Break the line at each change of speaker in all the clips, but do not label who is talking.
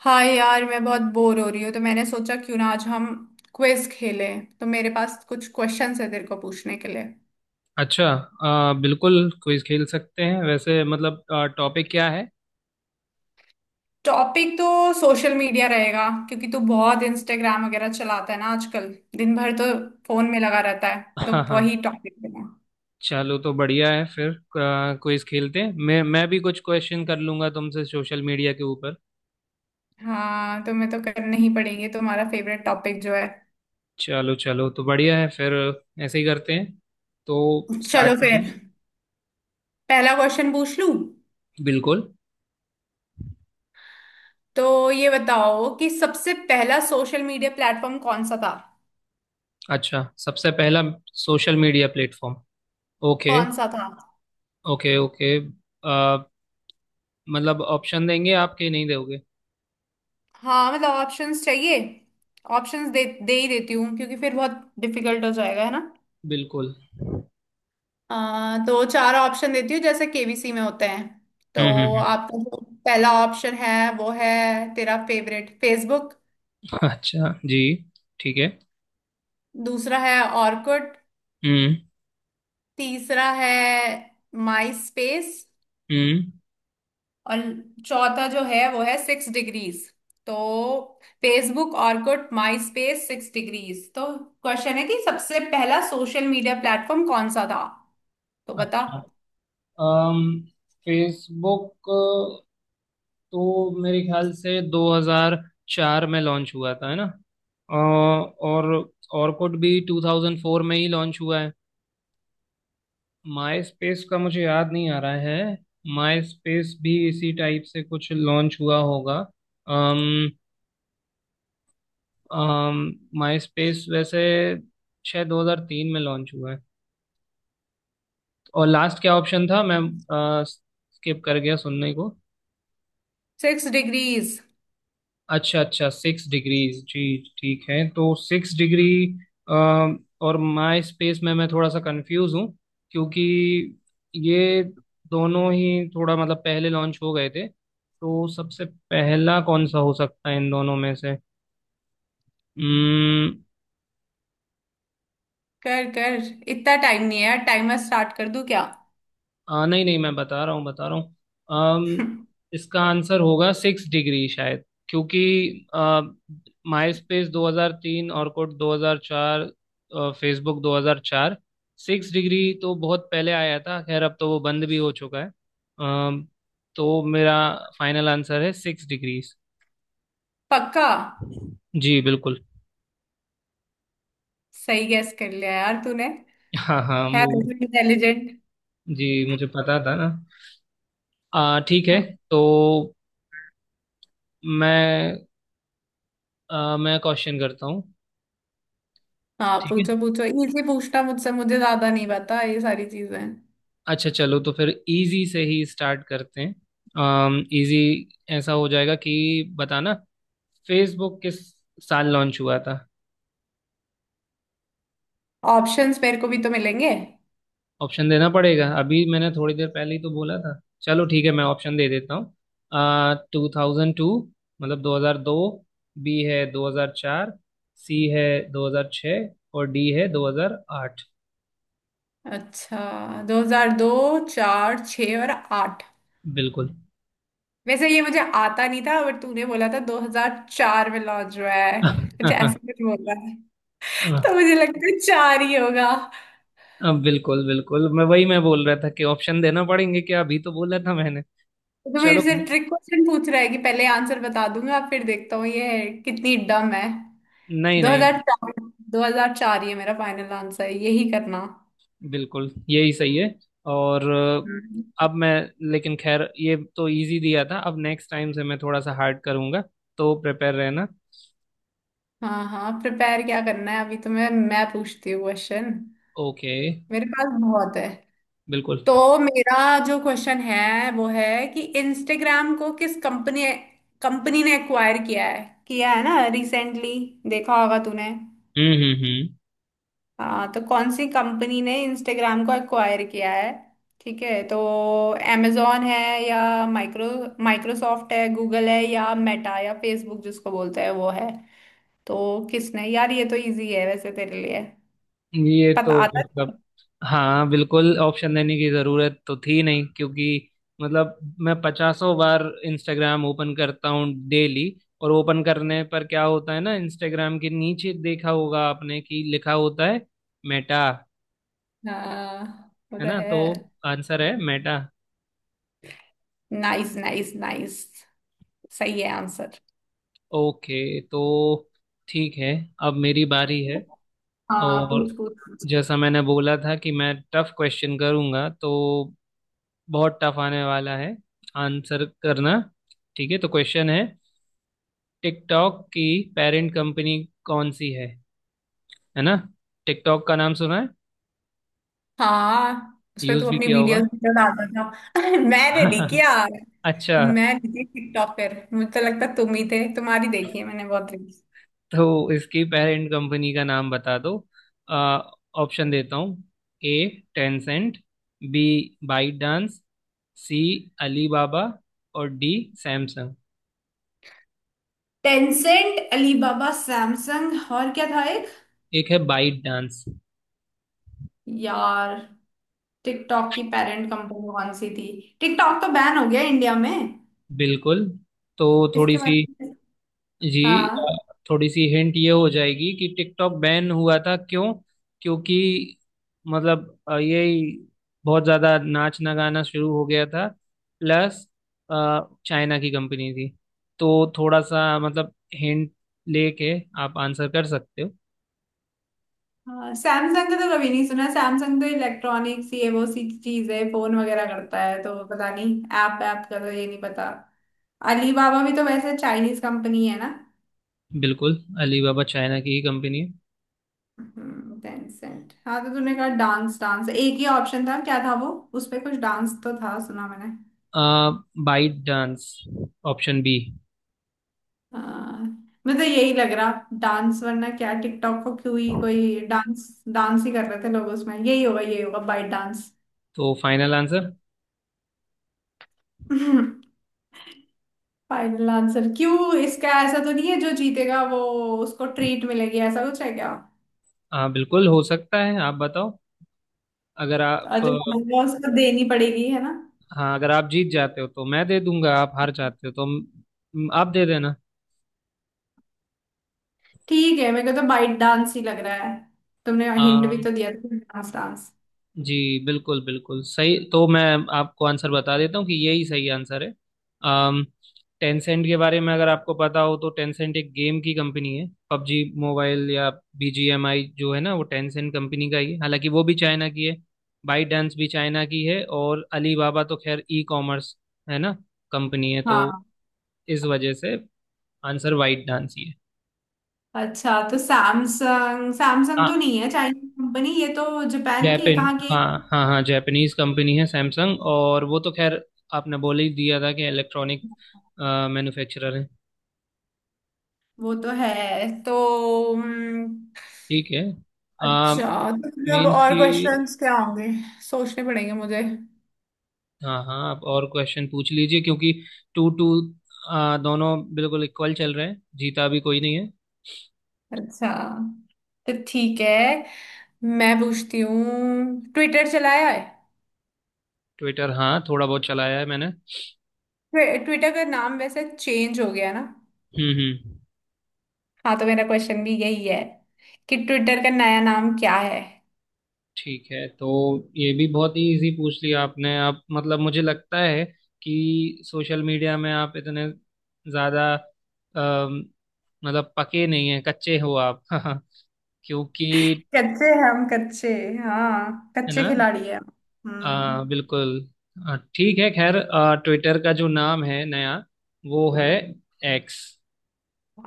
हाँ यार, मैं बहुत बोर हो रही हूँ, तो मैंने सोचा क्यों ना आज हम क्विज खेलें। तो मेरे पास कुछ क्वेश्चंस है तेरे को पूछने के लिए।
अच्छा। बिल्कुल क्विज खेल सकते हैं वैसे मतलब टॉपिक क्या है।
टॉपिक तो सोशल मीडिया रहेगा, क्योंकि तू बहुत इंस्टाग्राम वगैरह चलाता है ना आजकल। दिन भर तो फोन में लगा रहता है, तो
हाँ हाँ,
वही टॉपिक देना।
चलो तो बढ़िया है फिर। क्विज खेलते हैं, मैं भी कुछ क्वेश्चन कर लूंगा तुमसे सोशल मीडिया के ऊपर।
हाँ, तुम्हें तो करने ही पड़ेंगे, तुम्हारा फेवरेट टॉपिक जो है।
चलो चलो, तो बढ़िया है फिर। ऐसे ही करते हैं, तो स्टार्ट
चलो
करते
फिर,
हैं।
पहला क्वेश्चन पूछ लूँ।
बिल्कुल।
तो ये बताओ कि सबसे पहला सोशल मीडिया प्लेटफॉर्म कौन सा था।
अच्छा, सबसे पहला सोशल मीडिया प्लेटफॉर्म। ओके।
कौन सा था?
ओके ओके, आ, मतलब ऑप्शन देंगे आप कि नहीं दोगे।
हाँ, मतलब ऑप्शंस चाहिए। ऑप्शंस दे दे ही देती हूँ, क्योंकि फिर बहुत डिफिकल्ट हो जाएगा, है ना।
बिल्कुल। हम्म
तो चार ऑप्शन देती हूँ, जैसे केबीसी में होते हैं। तो
हम्म हम्म।
आपका जो पहला ऑप्शन है, वो है तेरा फेवरेट फेसबुक।
अच्छा जी। ठीक है।
दूसरा है ऑर्कुट।
हम्म
तीसरा है माई स्पेस।
हम्म।
और चौथा जो है वो है सिक्स डिग्रीज। तो Facebook, Orkut, MySpace, six degrees. तो क्वेश्चन है कि सबसे पहला सोशल मीडिया प्लेटफॉर्म कौन सा था। तो बता।
अच्छा, अम फेसबुक तो मेरे ख्याल से 2004 में लॉन्च हुआ था है ना। अ, और ऑर्कुट भी 2004 में ही लॉन्च हुआ है। माई स्पेस का मुझे याद नहीं आ रहा है। माई स्पेस भी इसी टाइप से कुछ लॉन्च हुआ होगा। अम अम माई स्पेस वैसे शायद 2003 में लॉन्च हुआ है। और लास्ट क्या ऑप्शन था, मैं स्किप कर गया सुनने को।
Six degrees.
अच्छा अच्छा, सिक्स डिग्रीज जी। ठीक है, तो सिक्स डिग्री और माई स्पेस में मैं थोड़ा सा कंफ्यूज हूँ, क्योंकि ये दोनों ही थोड़ा मतलब पहले लॉन्च हो गए थे, तो सबसे पहला कौन सा हो सकता है इन दोनों में से। Hmm।
कर कर, इतना टाइम नहीं है यार। टाइमर स्टार्ट कर दूं क्या?
नहीं नहीं, मैं बता रहा हूँ। अम, इसका आंसर होगा सिक्स डिग्री शायद, क्योंकि MySpace 2003, Orkut 2004, Facebook 2004। Six degree तो बहुत पहले आया था, खैर अब तो वो बंद भी हो चुका है। अम, तो मेरा फाइनल आंसर है सिक्स डिग्रीज।
पक्का?
जी बिल्कुल।
सही गैस कर लिया यार तूने।
हाँ हाँ,
है तो इंटेलिजेंट।
जी मुझे पता था ना। ठीक है।
हाँ,
तो मैं मैं क्वेश्चन करता हूँ।
हाँ
ठीक है।
पूछो पूछो। इजी पूछना मुझसे, मुझे ज्यादा नहीं पता ये सारी चीजें।
अच्छा, चलो तो फिर इजी से ही स्टार्ट करते हैं। इजी ऐसा हो जाएगा कि बताना, फेसबुक किस साल लॉन्च हुआ था।
ऑप्शंस मेरे को भी तो मिलेंगे।
ऑप्शन देना पड़ेगा, अभी मैंने थोड़ी देर पहले ही तो बोला था। चलो, ठीक है, मैं ऑप्शन दे देता हूँ। 2002, मतलब 2002। बी है 2004। सी है 2006। और डी है 2008।
अच्छा, दो हजार दो, चार, छ और आठ।
बिल्कुल।
वैसे ये मुझे आता नहीं था, बट तूने बोला था 2004 में लॉन्च हुआ है। कुछ ऐसे कुछ बोल रहा है। तो मुझे लगता है चार ही होगा।
अब बिल्कुल बिल्कुल, मैं वही मैं बोल रहा था कि ऑप्शन देना पड़ेंगे क्या, अभी तो बोला था मैंने।
तो मेरे
चलो।
से ट्रिक क्वेश्चन पूछ रहा है कि पहले आंसर बता दूंगा, फिर देखता हूँ ये कितनी डम है।
नहीं नहीं।
2004, 2004, ये मेरा फाइनल आंसर है, यही करना।
बिल्कुल यही सही है। और
हम्म।
अब मैं। लेकिन खैर ये तो इजी दिया था, अब नेक्स्ट टाइम से मैं थोड़ा सा हार्ड करूंगा, तो प्रिपेयर रहना।
हाँ हाँ, प्रिपेयर क्या करना है, अभी तो मैं पूछती हूँ क्वेश्चन।
ओके।
मेरे पास बहुत है।
बिल्कुल।
तो मेरा जो क्वेश्चन है वो है कि इंस्टाग्राम को किस कंपनी कंपनी ने एक्वायर किया है। ना रिसेंटली, देखा होगा तूने।
हम्म।
हाँ, तो कौन सी कंपनी ने इंस्टाग्राम को एक्वायर किया है? ठीक है, तो amazon है, या माइक्रो माइक्रोसॉफ्ट है, गूगल है, या मेटा या फेसबुक जिसको बोलते हैं वो है। तो किसने यार, ये तो इजी है वैसे तेरे लिए।
ये
पता
तो
आता
मतलब,
है?
हाँ बिल्कुल, ऑप्शन देने की जरूरत तो थी नहीं क्योंकि मतलब मैं पचासों बार इंस्टाग्राम ओपन करता हूँ डेली। और ओपन करने पर क्या होता है ना, इंस्टाग्राम के नीचे देखा होगा आपने कि लिखा होता है मेटा।
हाँ, वो
है
तो
ना,
है।
तो आंसर है मेटा।
नाइस नाइस नाइस, सही है आंसर।
ओके, तो ठीक है, अब मेरी बारी है।
हाँ, पूछ
और
पूछ।
जैसा मैंने बोला था कि मैं टफ क्वेश्चन करूंगा, तो बहुत टफ आने वाला है। आंसर करना। ठीक है, तो क्वेश्चन है, टिकटॉक की पेरेंट कंपनी कौन सी है। है ना, टिकटॉक का नाम सुना है।
हाँ, उसपे तू
यूज भी
अपनी
किया होगा।
वीडियोस भी तो डालता था। मैंने नहीं किया। मैं
अच्छा,
नहीं थी टिकटॉक पर, मुझे तो लगता तुम ही थे, तुम्हारी देखी है मैंने बहुत रील्स।
तो इसकी पेरेंट कंपनी का नाम बता दो। ऑप्शन देता हूँ। A, Tencent. B, ByteDance. C, Alibaba. और D, Samsung.
Tencent, Alibaba, Samsung और क्या था एक?
एक है बाइट डांस।
यार, टिकटॉक की पेरेंट कंपनी कौन सी थी? टिकटॉक तो बैन हो गया इंडिया में,
बिल्कुल। तो थोड़ी
इसके
सी,
बारे में।
जी
हाँ,
थोड़ी सी हिंट ये हो जाएगी कि टिकटॉक बैन हुआ था क्यों। क्योंकि मतलब ये बहुत ज्यादा नाचना गाना शुरू हो गया था, प्लस चाइना की कंपनी थी, तो थोड़ा सा मतलब हिंट लेके आप आंसर कर सकते हो।
हाँ, सैमसंग का तो कभी नहीं सुना। सैमसंग तो इलेक्ट्रॉनिक्स, ये वो सी चीज है, फोन वगैरह करता है, तो पता नहीं। ऐप ऐप का तो ये नहीं पता। अलीबाबा भी तो वैसे चाइनीज कंपनी है ना।
बिल्कुल। अलीबाबा चाइना की ही कंपनी है।
टेंसेंट, हाँ। तो तूने कहा डांस डांस, एक ही ऑप्शन था, क्या था वो? उस पे कुछ डांस तो था, सुना मैंने।
आ, बाइट डांस, ऑप्शन बी।
हाँ, मैं तो यही लग रहा, डांस। वरना क्या टिकटॉक को क्यों ही, कोई डांस डांस ही कर रहे थे लोग उसमें। यही होगा, यही होगा, बाइट डांस।
तो फाइनल आंसर।
फाइनल आंसर क्यों? इसका ऐसा तो नहीं है जो जीतेगा वो, उसको ट्रीट मिलेगी, ऐसा कुछ है क्या?
हाँ बिल्कुल, हो सकता है। आप बताओ। अगर आप,
और जो हारेगा उसको देनी पड़ेगी, है ना।
हाँ, अगर आप जीत जाते हो तो मैं दे दूंगा, आप हार जाते हो तो आप दे देना।
ठीक है, मेरे को तो बाइट डांस ही लग रहा है। तुमने हिंट भी
हाँ
तो दिया था, डांस डांस।
जी, बिल्कुल बिल्कुल सही। तो मैं आपको आंसर बता देता हूँ कि यही सही आंसर है। अम टेंसेंट के बारे में अगर आपको पता हो, तो टेंसेंट एक गेम की कंपनी है। पबजी मोबाइल या बीजीएमआई जो है ना, वो टेंसेंट कंपनी का ही है, हालांकि वो भी चाइना की है। बाईडांस भी चाइना की है। और अलीबाबा तो खैर ई कॉमर्स है ना, कंपनी है, तो
हाँ।
इस वजह से आंसर बाईडांस ही
अच्छा, तो सैमसंग, सैमसंग तो
है।
नहीं है चाइनीज कंपनी, ये तो जापान की है,
जापान।
कहाँ की?
हाँ हाँ हाँ, जापानीज कंपनी है सैमसंग, और वो तो खैर आपने बोल ही दिया था कि इलेक्ट्रॉनिक मैन्युफैक्चरर है।
वो तो है तो, हम्म।
ठीक है। आ,
अच्छा, तो मतलब
मीन्स
और
कि,
क्वेश्चंस क्या होंगे, सोचने पड़ेंगे मुझे।
हाँ हाँ, आप और क्वेश्चन पूछ लीजिए क्योंकि टू टू दोनों बिल्कुल इक्वल चल रहे हैं, जीता भी कोई नहीं है।
अच्छा, तो ठीक है, मैं पूछती हूँ, ट्विटर चलाया है।
ट्विटर, हाँ थोड़ा बहुत चलाया है मैंने।
ट्विटर का नाम वैसे चेंज हो गया ना।
हम्म।
हाँ, तो मेरा क्वेश्चन भी यही है कि ट्विटर का नया नाम क्या है।
ठीक है, तो ये भी बहुत ही इजी पूछ लिया आपने। आप मतलब, मुझे लगता है कि सोशल मीडिया में आप इतने ज़्यादा अम, मतलब पके नहीं हैं, कच्चे हो आप। क्योंकि
कच्चे हैं हम, कच्चे। हाँ,
है
कच्चे
ना।
खिलाड़ी हैं हम। हम्म।
बिल्कुल। ठीक है, खैर ट्विटर का जो नाम है नया, वो है एक्स।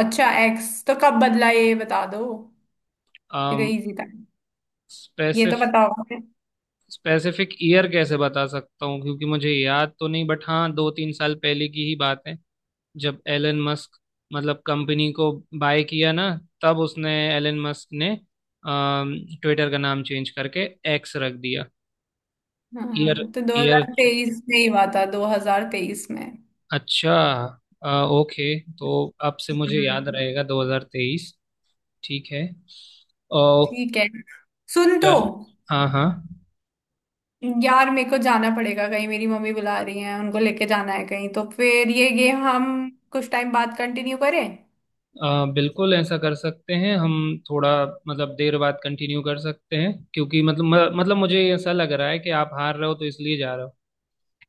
अच्छा, एक्स तो कब बदला, ये बता दो। ये तो इजी था, ये तो पता
स्पेसिफिक
होगा।
स्पेसिफिक ईयर कैसे बता सकता हूँ क्योंकि मुझे याद तो नहीं, बट हाँ दो तीन साल पहले की ही बात है, जब एलन मस्क मतलब कंपनी को बाय किया ना, तब उसने एलन मस्क ने ट्विटर का नाम चेंज करके एक्स रख दिया। ईयर,
हाँ, तो
ईयर,
2023 में ही हुआ था, 2023 में।
अच्छा ओके, तो अब से मुझे याद
हम्म।
रहेगा 2023। ठीक है। ओ,
ठीक है, सुन तो।
चल। हाँ हाँ,
यार, मेरे को जाना पड़ेगा कहीं, मेरी मम्मी बुला रही हैं, उनको लेके जाना है कहीं। तो फिर ये गेम हम कुछ टाइम बाद कंटिन्यू करें?
बिल्कुल ऐसा कर सकते हैं हम। थोड़ा मतलब देर बाद कंटिन्यू कर सकते हैं क्योंकि मतलब मुझे ऐसा लग रहा है कि आप हार रहे हो, तो इसलिए जा रहे हो।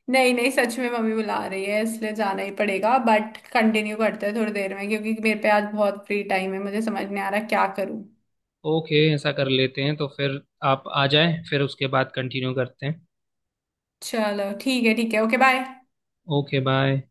नहीं नहीं, सच में मम्मी बुला रही है, इसलिए जाना ही पड़ेगा। बट कंटिन्यू करते हैं थोड़ी देर में, क्योंकि मेरे पे आज बहुत फ्री टाइम है, मुझे समझ नहीं आ रहा क्या करूं।
ओके, ऐसा कर लेते हैं तो फिर आप आ जाए, फिर उसके बाद कंटिन्यू करते हैं।
चलो ठीक है, ठीक है, ओके बाय।
Okay bye.